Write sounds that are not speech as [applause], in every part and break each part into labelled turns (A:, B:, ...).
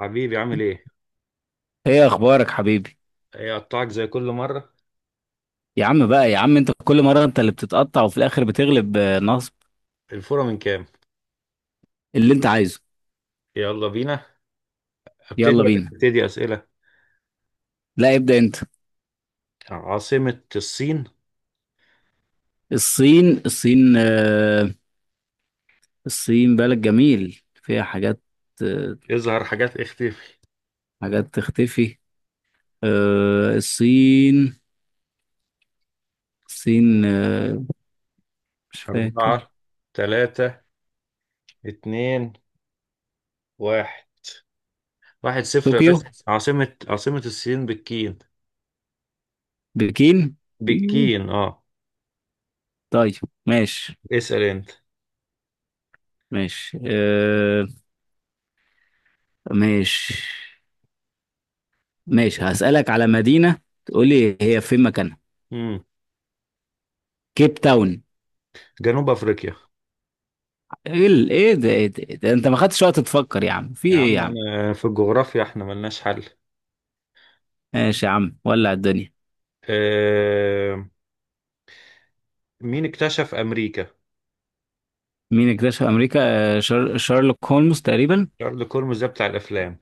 A: حبيبي عامل ايه؟
B: ايه اخبارك حبيبي؟
A: ايه قطعك زي كل مرة.
B: يا عم بقى، يا عم انت كل مره انت اللي بتتقطع وفي الاخر بتغلب، نصب.
A: الفورة من كام؟
B: اللي انت عايزه.
A: يلا بينا. ابتدي.
B: يلا بينا.
A: ابتدي أسئلة.
B: لا، ابدا انت.
A: عاصمة الصين.
B: الصين، الصين، الصين بلد جميل فيها حاجات. آه،
A: اظهر حاجات اختفي.
B: حاجات تختفي. الصين. الصين، مش فاكر.
A: أربعة، تلاتة، اتنين، واحد. 1-0 يا
B: طوكيو.
A: باشا. عاصمة الصين بالكين.
B: بكين. إيه.
A: بالكين، اه.
B: طيب. ماشي.
A: اسأل انت.
B: ماشي، ماشي. ماشي هسألك على مدينة، تقولي هي فين مكانها.
A: مم.
B: كيب تاون.
A: جنوب أفريقيا.
B: ايه ايه ده، ايه ده، ايه ده، انت ما خدتش وقت تفكر يا عم، في
A: يا
B: ايه يا
A: عم
B: عم؟
A: انا في الجغرافيا احنا ملناش حل.
B: ماشي يا عم، ولع الدنيا.
A: آه... مين اكتشف أمريكا؟
B: مين اكتشف امريكا؟ شارلوك هولمز تقريبا.
A: شارل كولمز ده بتاع الأفلام.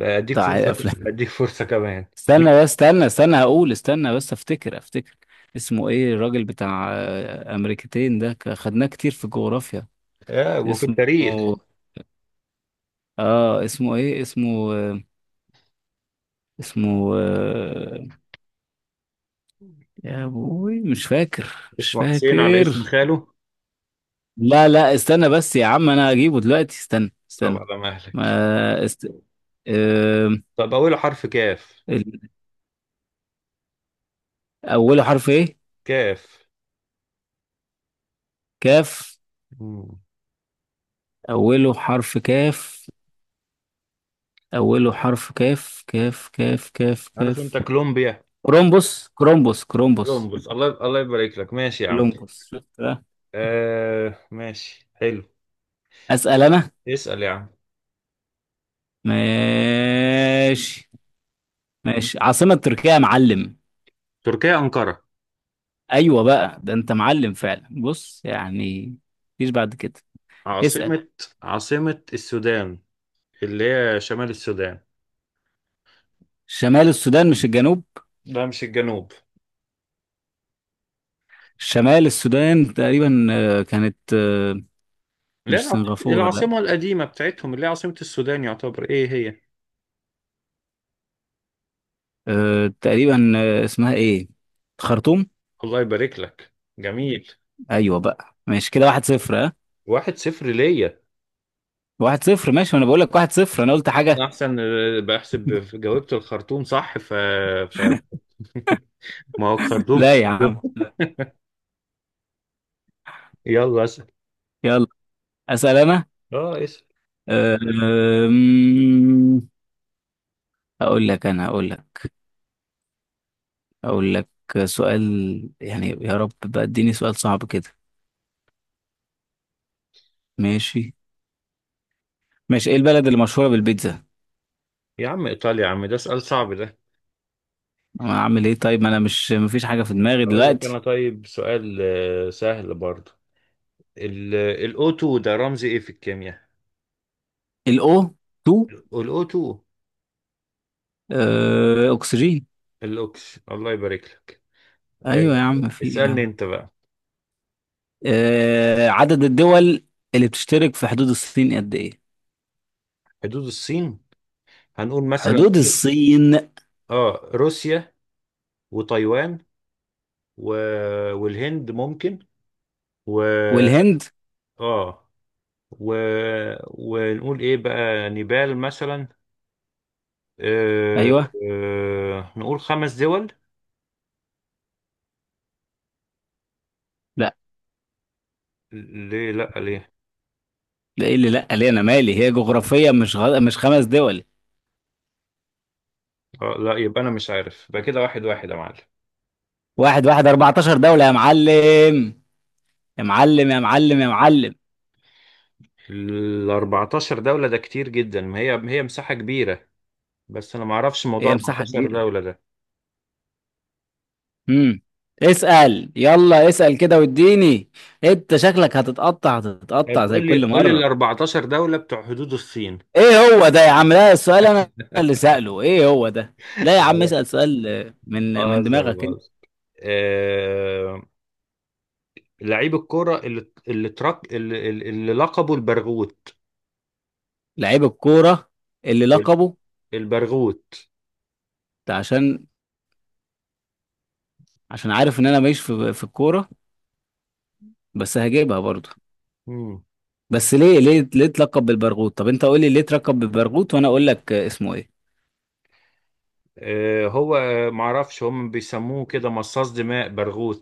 B: بتاع افلام. [laughs]
A: اديك فرصه كمان. مين؟
B: استنى بس، استنى استنى، هقول، استنى بس، افتكر افتكر. اسمه ايه الراجل بتاع امريكتين ده، خدناه كتير في الجغرافيا.
A: وفي
B: اسمه.
A: التاريخ.
B: اه، اسمه ايه، اسمه، اسمه، يا ابوي مش فاكر، مش
A: اسمه حسين على اسم
B: فاكر.
A: خاله.
B: لا لا، استنى بس يا عم، انا هجيبه دلوقتي، استنى
A: طب
B: استنى.
A: على مهلك.
B: ما است... آم،
A: طب اوله حرف كاف.
B: ال- أوله حرف إيه؟
A: كاف.
B: كاف.
A: مم.
B: أوله حرف كاف. أوله حرف كاف، كاف كاف كاف
A: عارف انت
B: كاف.
A: كولومبيا.
B: كرومبوس، كرومبوس، كرومبوس.
A: كولومبوس، الله الله يبارك لك، ماشي يا عم.
B: كولومبوس، شفت بقى؟
A: آه ماشي حلو.
B: أسأل أنا.
A: اسأل يا عم.
B: ماشي. ماشي، عاصمة تركيا يا معلم.
A: تركيا أنقرة.
B: أيوة بقى، ده أنت معلم فعلا، بص يعني. مفيش بعد كده. اسأل.
A: عاصمة. عاصمة السودان، اللي هي شمال السودان.
B: شمال السودان مش الجنوب؟
A: لا مش الجنوب.
B: شمال السودان تقريبا، كانت،
A: لا،
B: مش سنغافورة، لا.
A: العاصمة القديمة بتاعتهم اللي هي عاصمة السودان، يعتبر ايه هي؟
B: أه تقريبا، اسمها ايه، خرطوم.
A: الله يبارك لك. جميل.
B: ايوه بقى، ماشي كده، واحد صفر، ها.
A: 1-0 ليا.
B: واحد صفر، ماشي، ما انا بقول لك واحد صفر، انا قلت
A: انا
B: حاجه.
A: احسن، بحسب. جاوبت الخرطوم صح، ف ف [laughs] ما هو
B: [laughs]
A: خرطوم
B: لا يا عم،
A: كده.
B: لا.
A: يلا اسال.
B: يلا اسال. انا
A: اه اسال
B: أه، أم، اقول لك انا، اقول لك، اقول لك سؤال، يعني يا رب بقى اديني سؤال صعب كده. ماشي. ماشي، ايه البلد اللي مشهوره بالبيتزا؟
A: يا عم ايطاليا يا عم، ده سؤال صعب ده.
B: اعمل ايه طيب، ما انا مش مفيش حاجه في دماغي
A: اقول لك
B: دلوقتي.
A: انا طيب سؤال سهل برضه. الاو 2 ده رمز ايه في الكيمياء؟
B: الاو 2،
A: الاو 2.
B: أه اكسجين.
A: الاوكس، الله يبارك لك. آه،
B: ايوه يا عم، في ايه يا
A: اسالني
B: عم؟
A: انت بقى.
B: عدد الدول اللي بتشترك في حدود الصين قد ايه؟
A: حدود الصين، هنقول مثلا
B: حدود الصين.
A: اه روسيا وتايوان و... والهند ممكن و
B: والهند.
A: اه و... ونقول ايه بقى، نيبال مثلا. آه...
B: ايوه.
A: نقول خمس دول.
B: لا.
A: ليه لا ليه؟
B: لا، ايه اللي لا ليه؟ انا مالي، هي جغرافيا، مش مش 5 دول.
A: لا يبقى انا مش عارف. يبقى كده 1-1 يا معلم.
B: واحد واحد، 14 دولة يا معلم. يا معلم، يا معلم، يا معلم.
A: ال 14 دولة ده كتير جدا، ما هي مساحة كبيرة، بس انا ما اعرفش موضوع
B: هي مساحة
A: 14
B: كبيرة.
A: دولة ده.
B: امم. اسأل، يلا اسأل كده واديني. انت شكلك هتتقطع
A: طيب
B: هتتقطع زي
A: قول لي
B: كل
A: قول لي ال
B: مرة.
A: 14 دولة بتوع حدود الصين.
B: ايه هو ده يا عم؟ لا، السؤال انا
A: [laughs]
B: اللي سأله، ايه هو ده؟
A: لا
B: لا يا عم،
A: لا
B: اسأل سؤال من
A: بهزر
B: دماغك.
A: بهزر. آه... لعيب الكرة اللي لقبه البرغوت.
B: لعيب الكورة اللي لقبه؟
A: البرغوث.
B: ده عشان، عشان عارف ان انا ماليش في الكورة، بس هجيبها برضو.
A: مم.
B: بس ليه، ليه، ليه اتلقب بالبرغوت؟ طب انت قول لي ليه اتلقب بالبرغوت وانا اقول لك اسمه ايه.
A: هو معرفش، هم بيسموه كده مصاص دماء برغوث،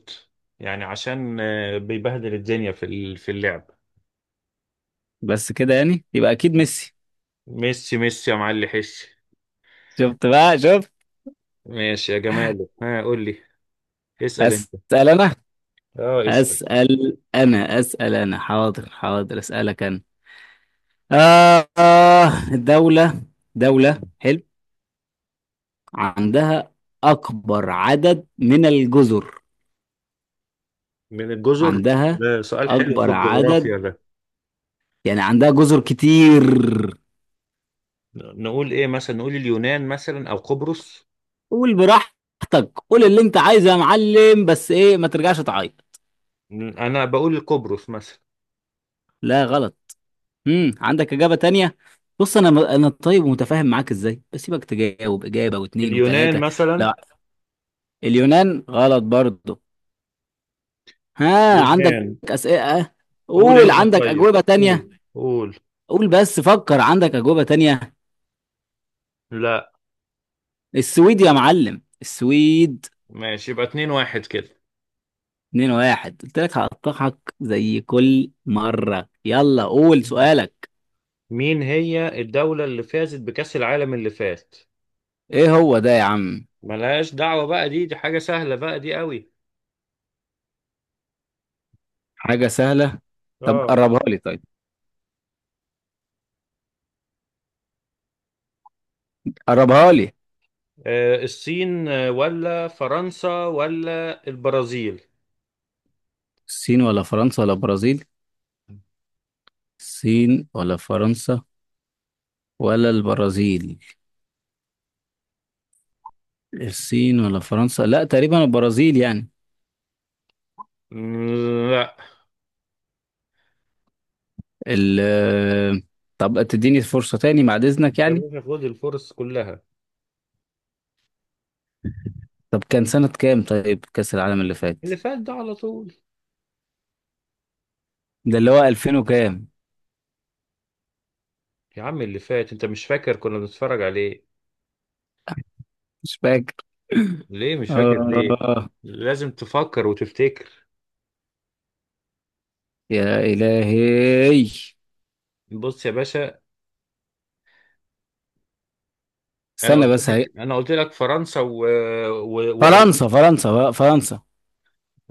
A: يعني عشان بيبهدل الدنيا في اللعب.
B: بس كده يعني، يبقى اكيد ميسي.
A: ميسي. ميسي يا معلي حش.
B: شفت بقى، شفت.
A: ماشي يا جمال، ها قول لي. اسأل انت.
B: هسأل انا
A: اه اسأل
B: هسأل انا اسأل انا، حاضر حاضر، اسألك انا. آه آه، دولة، دولة حلو عندها اكبر عدد من الجزر.
A: من الجزر.
B: عندها
A: ده سؤال حلو في
B: اكبر
A: الجغرافيا
B: عدد،
A: ده.
B: يعني عندها جزر كتير.
A: نقول ايه مثلا؟ نقول اليونان مثلا او قبرص.
B: قول براحتك، قول اللي انت عايزه يا معلم، بس ايه ما ترجعش تعيط.
A: انا بقول قبرص مثلا.
B: لا، غلط. امم، عندك اجابه تانية؟ بص، انا طيب ومتفاهم معاك ازاي، بسيبك تجاوب اجابه واثنين
A: اليونان
B: وثلاثه.
A: مثلا.
B: لا. اليونان غلط برضه. ها عندك
A: اليونان.
B: اسئله.
A: قول
B: قول،
A: انت
B: عندك
A: طيب،
B: اجوبه تانية.
A: قول قول.
B: قول بس فكر، عندك اجوبه تانية.
A: لا.
B: السويد يا معلم، السويد.
A: ماشي يبقى 2-1 كده.
B: 2 واحد، قلت لك هقطعك زي كل مره، يلا قول سؤالك.
A: مين هي الدولة اللي فازت بكأس العالم اللي فات؟
B: ايه هو ده يا عم؟
A: ملهاش دعوة بقى، دي حاجة سهلة بقى، دي قوي.
B: حاجة سهلة. طب
A: اه.
B: قربها لي طيب، قربها لي.
A: الصين ولا فرنسا ولا البرازيل؟
B: الصين ولا فرنسا ولا برازيل. الصين ولا فرنسا ولا البرازيل. الصين ولا فرنسا، لا تقريبا البرازيل يعني.
A: مم، لا.
B: ال طب تديني فرصة تاني بعد إذنك
A: يا
B: يعني.
A: باشا خد الفرص كلها.
B: طب كان سنة كام طيب كأس العالم اللي فات؟
A: اللي فات ده على طول.
B: ده اللي هو 2000 وكام.
A: يا عم اللي فات انت مش فاكر، كنا بنتفرج عليه.
B: مش فاكر. [laughs]
A: ليه مش فاكر ليه؟
B: آه.
A: لازم تفكر وتفتكر.
B: يا إلهي.
A: بص يا باشا، انا
B: استنى
A: قلت
B: بس، هي
A: لك فرنسا و...
B: فرنسا، فرنسا بقى، فرنسا.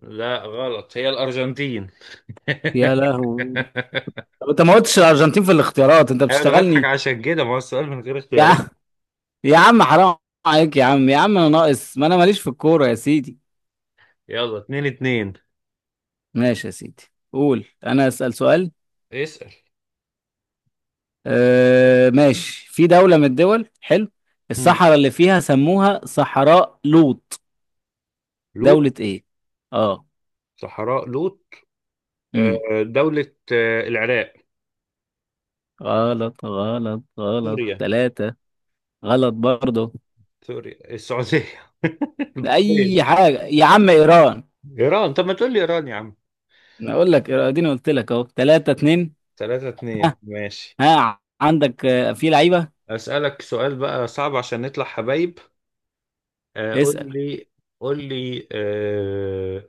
A: لا غلط، هي الأرجنتين.
B: يا لهوي.
A: [laughs]
B: طب انت ما قلتش الارجنتين في الاختيارات، انت
A: أنا بضحك
B: بتشتغلني.
A: عشان كده، ما هو السؤال من غير
B: يا
A: اختيارات.
B: عم، يا عم حرام عليك يا عم، يا عم انا ناقص، ما انا ماليش في الكوره يا سيدي.
A: يلا 2-2.
B: ماشي يا سيدي. قول، انا اسال سؤال.
A: اسأل.
B: آه ماشي، في دوله من الدول، حلو،
A: مم.
B: الصحراء اللي فيها سموها صحراء لوط،
A: لوط.
B: دوله ايه؟ اه.
A: صحراء لوط.
B: امم.
A: دولة العراق.
B: غلط، غلط، غلط،
A: سوريا.
B: ثلاثة. غلط برضه.
A: سوريا السعودية. [laughs] البحرين.
B: اي حاجه يا عم، ايران.
A: إيران. طب ما تقول لي إيران يا عم.
B: انا اقول لك إيران، اديني قلت لك اهو، 3-2.
A: 3-2، ماشي.
B: ها عندك، في لعيبه.
A: أسألك سؤال بقى صعب عشان نطلع حبايب. قول
B: اسأل.
A: لي. قول لي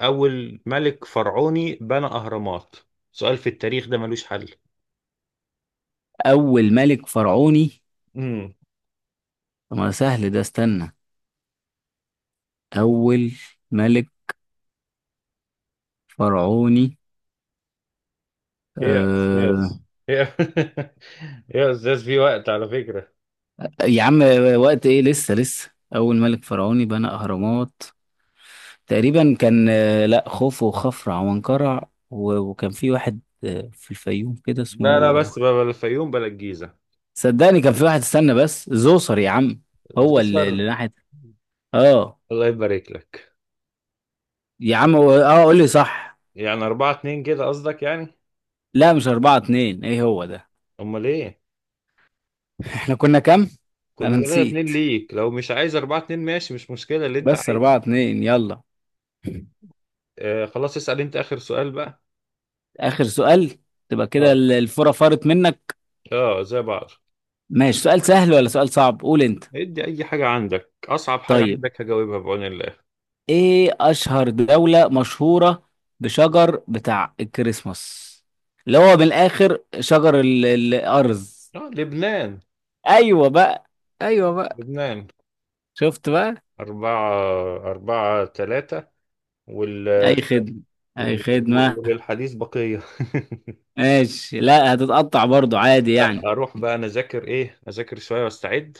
A: أول ملك فرعوني بنى أهرامات. سؤال في التاريخ ده ملوش حل.
B: أول ملك فرعوني.
A: امم.
B: طب ما سهل ده، استنى. أول ملك فرعوني.
A: ايه يا
B: أه...
A: استاذ؟ ايه [laughs] ايه يا استاذ، في وقت على فكرة.
B: يا عم، وقت إيه، لسه لسه أول ملك فرعوني بنى أهرامات. تقريبا كان، لا خوفو وخفرع وانقرع وكان في واحد في الفيوم كده
A: لا لا
B: اسمه.
A: بس بقى، بلا الفيوم بلا الجيزة.
B: صدقني كان في واحد، استنى بس، زوسر يا عم. هو
A: زفر.
B: اللي ناحية. اه.
A: الله يبارك لك.
B: يا عم، اه قول لي صح.
A: يعني أربعة اتنين كده قصدك يعني؟
B: لا، مش 4-2، ايه هو ده؟
A: أمال إيه؟
B: احنا كنا كام؟
A: كنا
B: انا
A: 3-2
B: نسيت،
A: ليك، لو مش عايز 4-2 ماشي، مش مشكلة، اللي أنت
B: بس
A: عايزه.
B: أربعة اتنين، يلا.
A: آه خلاص، اسأل أنت آخر سؤال بقى.
B: آخر سؤال. تبقى كده
A: اه.
B: الفرة فرت منك.
A: اه زي بعض.
B: ماشي، سؤال سهل ولا سؤال صعب، قول أنت.
A: ادي أي حاجة عندك، أصعب حاجة
B: طيب،
A: عندك هجاوبها بعون الله.
B: إيه أشهر دولة مشهورة بشجر بتاع الكريسماس، اللي هو من الآخر شجر الأرز.
A: آه لبنان.
B: أيوة بقى. أيوة بقى.
A: لبنان.
B: شفت بقى.
A: أربعة. 4-3. وال...
B: أي خدمة. أي خدمة.
A: وللحديث بقية.
B: ماشي، لا، هتتقطع برضو عادي
A: [laughs] لا
B: يعني.
A: أروح بقى أنا أذاكر شوية وأستعد.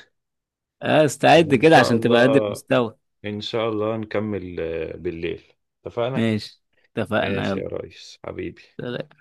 B: استعد
A: وإن
B: كده
A: شاء
B: عشان تبقى قد
A: الله
B: المستوى.
A: إن شاء الله نكمل بالليل. اتفقنا؟
B: ماشي، اتفقنا،
A: ماشي
B: يلا.
A: يا ريس حبيبي.
B: سلام.